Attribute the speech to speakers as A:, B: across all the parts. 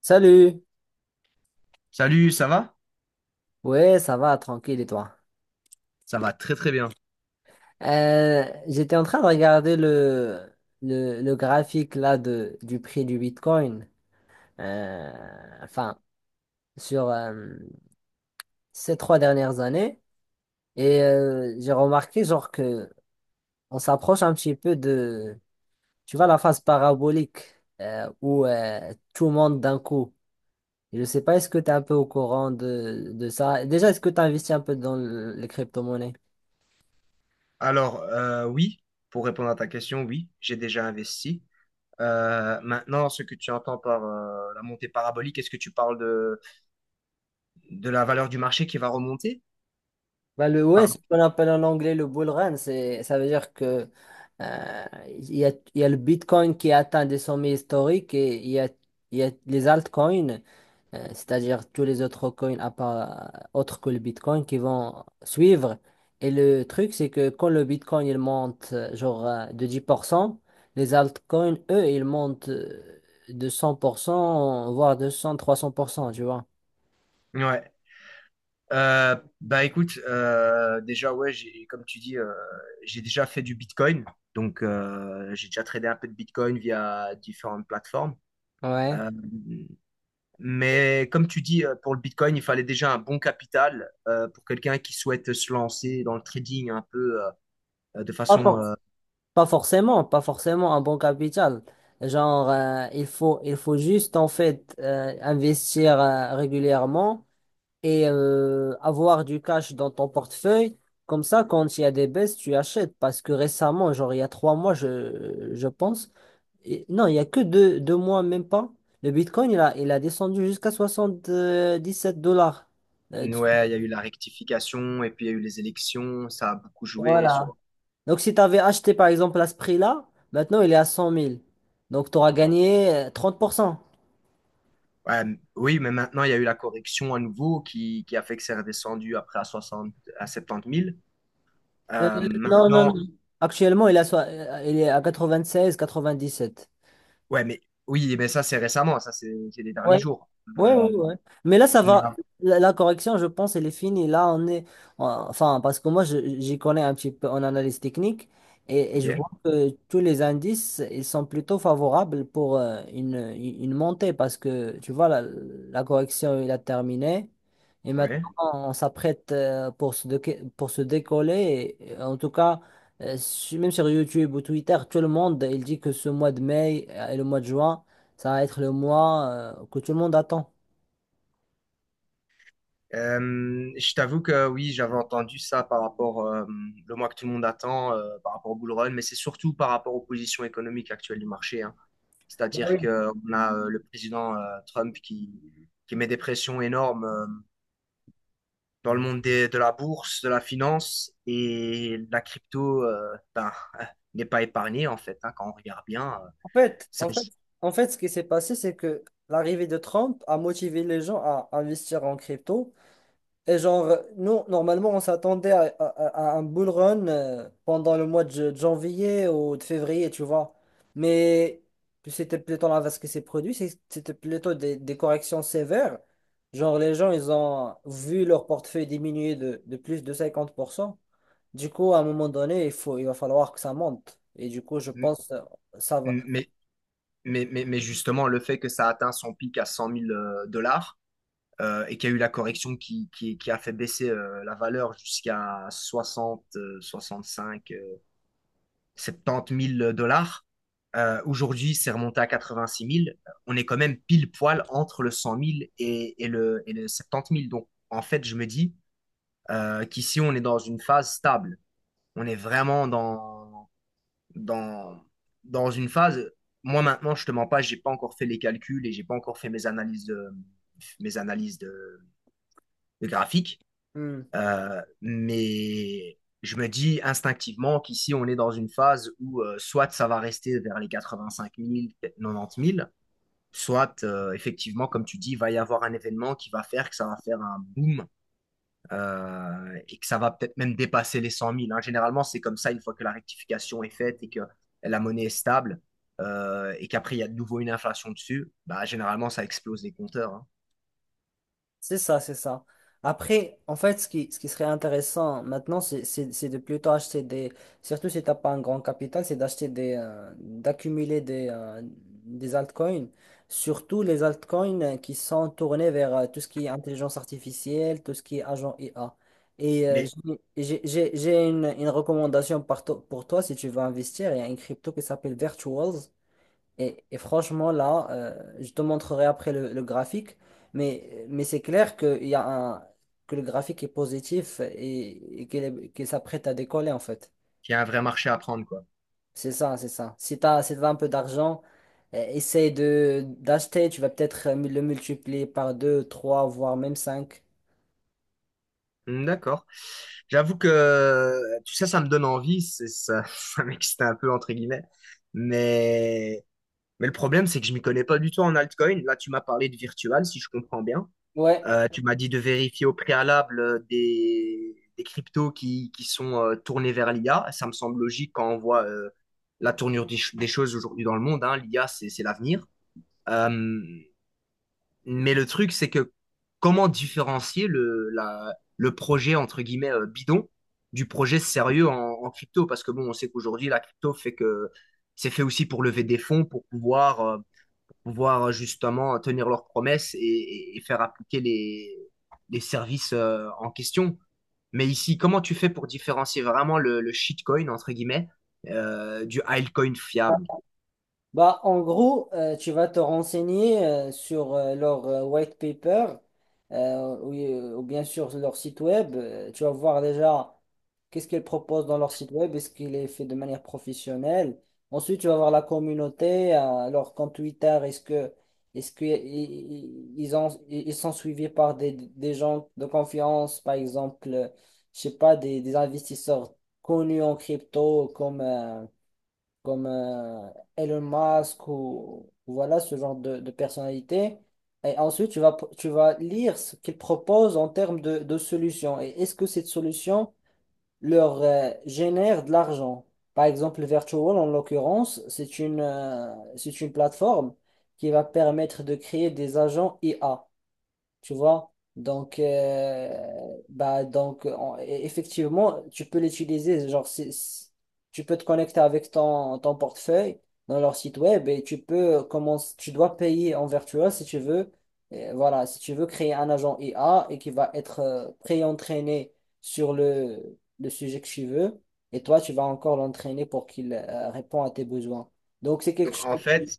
A: Salut!
B: Salut, ça va?
A: Ouais, ça va, tranquille et toi?
B: Ça va très très bien.
A: J'étais en train de regarder le graphique là du prix du Bitcoin, euh, enfin, sur ces trois dernières années, et j'ai remarqué genre que on s'approche un petit peu de, tu vois, la phase parabolique où tout monte d'un coup. Je ne sais pas, est-ce que tu es un peu au courant de ça? Déjà, est-ce que tu investis un peu dans les crypto-monnaies?
B: Alors, oui, pour répondre à ta question, oui, j'ai déjà investi. Maintenant, ce que tu entends par la montée parabolique, est-ce que tu parles de la valeur du marché qui va remonter?
A: Bah, ouais, c'est
B: Pardon.
A: ce qu'on appelle en anglais le bull run, ça veut dire que il y a le Bitcoin qui a atteint des sommets historiques et il y a les altcoins, c'est-à-dire tous les autres coins à part, autres que le Bitcoin qui vont suivre. Et le truc, c'est que quand le Bitcoin il monte genre de 10%, les altcoins, eux, ils montent de 100%, voire 200, 300%, tu vois.
B: Ouais. Euh, Bah écoute, déjà, ouais, comme tu dis, j'ai déjà fait du Bitcoin. Donc, j'ai déjà tradé un peu de Bitcoin via différentes plateformes.
A: Ouais.
B: Euh, Mais comme tu dis, pour le Bitcoin, il fallait déjà un bon capital pour quelqu'un qui souhaite se lancer dans le trading un peu de façon...
A: Pas forcément, pas forcément un bon capital. Genre, il faut juste en fait investir régulièrement et avoir du cash dans ton portefeuille. Comme ça, quand il y a des baisses, tu achètes. Parce que récemment, genre il y a trois mois, je pense, non, il y a que deux mois, même pas. Le Bitcoin, il a descendu jusqu'à 77 dollars. Euh,
B: Ouais, il y a eu la rectification et puis il y a eu les élections, ça a beaucoup joué
A: voilà,
B: sur...
A: Donc, si tu avais acheté par exemple à ce prix-là, maintenant il est à 100 000. Donc, tu auras gagné 30%.
B: Ouais, oui, mais maintenant, il y a eu la correction à nouveau qui a fait que c'est redescendu après à 60, à 70 000.
A: Euh,
B: Euh,
A: non, non, non.
B: maintenant,
A: Actuellement, il est à 17.
B: ouais, mais oui, mais ça, c'est récemment, ça, c'est les
A: Oui,
B: derniers jours.
A: ouais,
B: Euh,
A: ouais, ouais. Mais là, ça va.
B: mais,
A: La correction, je pense, elle est finie. Là, on est. Enfin, parce que moi, j'y connais un petit peu en analyse technique et je
B: ok,
A: vois que tous les indices, ils sont plutôt favorables pour une montée parce que, tu vois, la correction, il a terminé. Et
B: ouais.
A: maintenant, on s'apprête pour se décoller. Et, en tout cas, même sur YouTube ou Twitter, tout le monde, il dit que ce mois de mai et le mois de juin, ça va être le mois que tout le monde attend.
B: Je t'avoue que oui, j'avais entendu ça par rapport le mois que tout le monde attend par rapport au bull run, mais c'est surtout par rapport aux positions économiques actuelles du marché, hein.
A: Ah
B: C'est-à-dire
A: oui.
B: que on a le président Trump qui met des pressions énormes dans le monde de la bourse, de la finance et la crypto ben, n'est pas épargnée en fait, hein, quand on regarde bien.
A: En fait,
B: Ça-
A: en fait, En fait, ce qui s'est passé, c'est que l'arrivée de Trump a motivé les gens à investir en crypto. Et genre, nous, normalement, on s'attendait à un bull run pendant le mois de janvier ou de février, tu vois. Mais c'était plutôt l'inverse ce qui s'est produit, c'était plutôt des corrections sévères. Genre, les gens, ils ont vu leur portefeuille diminuer de plus de 50%. Du coup, à un moment donné, il va falloir que ça monte. Et du coup, je
B: m-
A: pense, ça va.
B: m- mais, mais justement, le fait que ça atteint son pic à 100 000 dollars et qu'il y a eu la correction qui a fait baisser la valeur jusqu'à 60, 65, 70 000 dollars. Aujourd'hui, c'est remonté à 86 000. On est quand même pile poil entre le 100 000 et le 70 000. Donc, en fait, je me dis qu'ici, on est dans une phase stable. On est vraiment dans, dans une phase. Moi, maintenant, je te mens pas, j'ai pas encore fait les calculs et j'ai pas encore fait mes analyses de graphiques.
A: Hmm,
B: Mais je me dis instinctivement qu'ici, on est dans une phase où soit ça va rester vers les 85 000, 90 000, soit effectivement, comme tu dis, il va y avoir un événement qui va faire que ça va faire un boom et que ça va peut-être même dépasser les 100 000, hein. Généralement, c'est comme ça une fois que la rectification est faite et que la monnaie est stable et qu'après, il y a de nouveau une inflation dessus, bah, généralement, ça explose les compteurs, hein.
A: c'est ça, c'est ça. Après, en fait, ce qui serait intéressant maintenant, c'est de plutôt acheter des, surtout si t'as pas un grand capital, c'est d'acheter d'accumuler des altcoins, surtout les altcoins qui sont tournés vers tout ce qui est intelligence artificielle, tout ce qui est agent IA. Et
B: Mais
A: j'ai une recommandation pour toi si tu veux investir. Il y a une crypto qui s'appelle Virtuals. Et franchement, là, je te montrerai après le graphique, mais c'est clair que, il y a un, que le graphique est positif et qu'il s'apprête à décoller, en fait.
B: il y a un vrai marché à prendre, quoi.
A: C'est ça, c'est ça. Si tu as, Si t'as un peu d'argent, essaye de d'acheter, tu vas peut-être le multiplier par 2, 3, voire même 5.
B: Hmm, d'accord. J'avoue que tout ça, ça me donne envie, c'est ça, ça m'excite un peu entre guillemets. Mais, mais le problème, c'est que je m'y connais pas du tout en altcoin. Là, tu m'as parlé de virtual, si je comprends bien.
A: Ouais.
B: Tu m'as dit de vérifier au préalable des cryptos qui sont tournés vers l'IA. Ça me semble logique quand on voit la tournure des choses aujourd'hui dans le monde, hein. L'IA, c'est l'avenir. Euh, mais le truc, c'est que comment différencier le projet, entre guillemets, bidon du projet sérieux en crypto? Parce que bon, on sait qu'aujourd'hui, la crypto fait que c'est fait aussi pour lever des fonds, pour pouvoir justement tenir leurs promesses et faire appliquer les services en question. Mais ici, comment tu fais pour différencier vraiment le shitcoin, entre guillemets, du altcoin fiable?
A: Bah, en gros, tu vas te renseigner sur leur white paper ou bien sur leur site web. Tu vas voir déjà qu'est-ce qu'ils proposent dans leur site web, est-ce qu'il est fait de manière professionnelle. Ensuite, tu vas voir la communauté, leur compte Twitter, est-ce que i- i- ils ont, i- ils sont suivis par des gens de confiance, par exemple, je sais pas, des investisseurs connus en crypto comme comme Elon Musk ou voilà ce genre de personnalité. Et ensuite, tu vas lire ce qu'ils proposent en termes de solutions. Et est-ce que cette solution leur génère de l'argent? Par exemple, Virtual, en l'occurrence, c'est une plateforme qui va permettre de créer des agents IA, tu vois. Donc, effectivement, tu peux l'utiliser. Genre, tu peux te connecter avec ton portefeuille dans leur site web et tu peux commencer, tu dois payer en virtuel si tu veux. Et voilà, si tu veux créer un agent IA et qui va être pré-entraîné sur le sujet que tu veux. Et toi, tu vas encore l'entraîner pour qu'il réponde à tes besoins. Donc, c'est quelque
B: Donc en fait,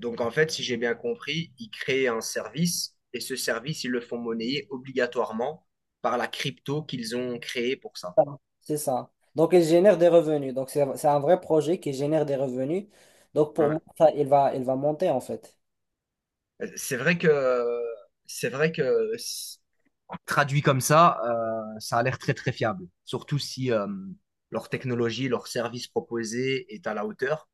B: Donc en fait, si j'ai bien compris, ils créent un service et ce service, ils le font monnayer obligatoirement par la crypto qu'ils ont créée pour ça.
A: ça, C'est ça. Donc, il génère des revenus. Donc, c'est un vrai projet qui génère des revenus. Donc, pour
B: Ouais.
A: moi, ça, il va monter en fait.
B: C'est vrai que c'est vrai que s- traduit comme ça, ça a l'air très très fiable. Surtout si leur technologie, leur service proposé est à la hauteur.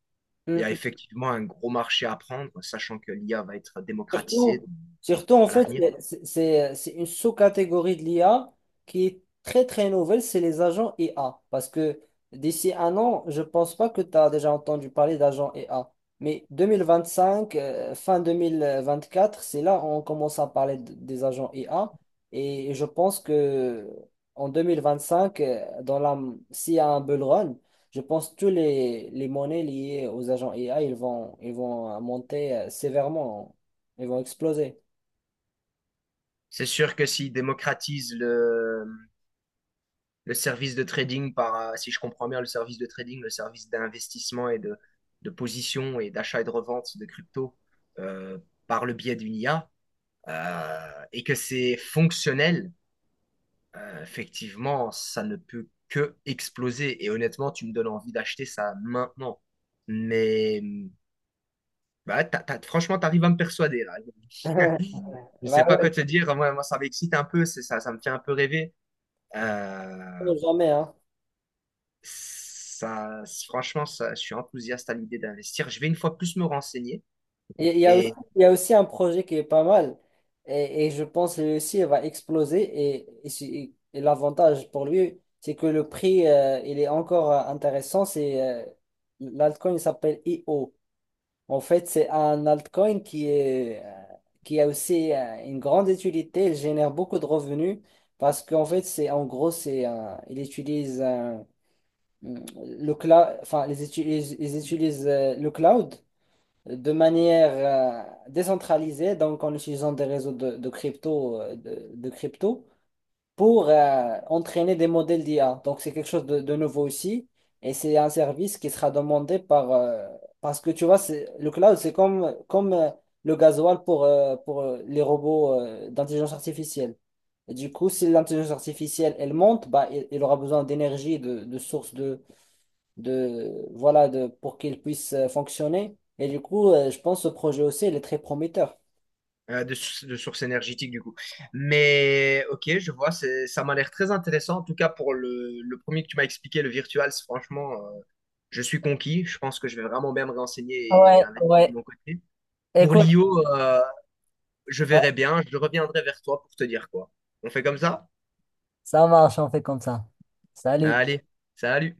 B: Il y a effectivement un gros marché à prendre, sachant que l'IA va être
A: Surtout,
B: démocratisée
A: surtout, en
B: à
A: fait,
B: l'avenir.
A: c'est une sous-catégorie de l'IA qui est très très nouvelle, c'est les agents IA. Parce que d'ici un an, je pense pas que tu as déjà entendu parler d'agents IA. Mais 2025, fin 2024, c'est là où on commence à parler des agents IA. Et je pense que en 2025, s'il y a un bull run, je pense que tous les monnaies liées aux agents IA, ils vont monter sévèrement. Ils vont exploser.
B: C'est sûr que s'ils démocratisent le service de trading si je comprends bien, le service de trading, le service d'investissement et de position et d'achat et de revente de crypto euh, par le biais d'une IA et que c'est fonctionnel, effectivement, ça ne peut que exploser. Et honnêtement, tu me donnes envie d'acheter ça maintenant. Mais bah, franchement, tu arrives à me persuader là. Je ne sais
A: Bah
B: pas quoi
A: ouais.
B: te dire. Moi, ça m'excite un peu, c'est ça, ça me fait un peu rêver. Euh,
A: Jamais, hein.
B: Ça, franchement, ça, je suis enthousiaste à l'idée d'investir. Je vais une fois plus me renseigner
A: Il y a aussi,
B: et
A: il y a aussi un projet qui est pas mal et je pense que lui aussi il va exploser et, si- et l'avantage pour lui, c'est que le prix, il est encore intéressant, c'est l'altcoin il s'appelle IO. En fait, c'est un altcoin qui a aussi une grande utilité, il génère beaucoup de revenus parce qu'en fait, c'est en gros, il utilise le cloud, enfin, ils utilisent le cloud de manière décentralisée, donc en utilisant des réseaux de crypto, pour entraîner des modèles d'IA. Donc, c'est quelque chose de nouveau aussi. Et c'est un service qui sera demandé parce que tu vois, le cloud, c'est comme, comme le gasoil pour les robots d'intelligence artificielle. Et du coup, si l'intelligence artificielle, elle monte, bah, il aura besoin d'énergie, de sources de voilà de pour qu'il puisse fonctionner. Et du coup, je pense que ce projet aussi, il est très prometteur.
B: de sources énergétiques du coup. Mais ok, je vois, ça m'a l'air très intéressant. En tout cas, pour le premier que tu m'as expliqué, le virtual, c'est franchement, je suis conquis. Je pense que je vais vraiment bien me renseigner
A: Ouais,
B: et investir de
A: ouais.
B: mon côté. Pour
A: Écoute,
B: l'IO, je verrai bien. Je reviendrai vers toi pour te dire quoi. On fait comme ça?
A: ça marche, on fait comme ça. Salut.
B: Allez, salut.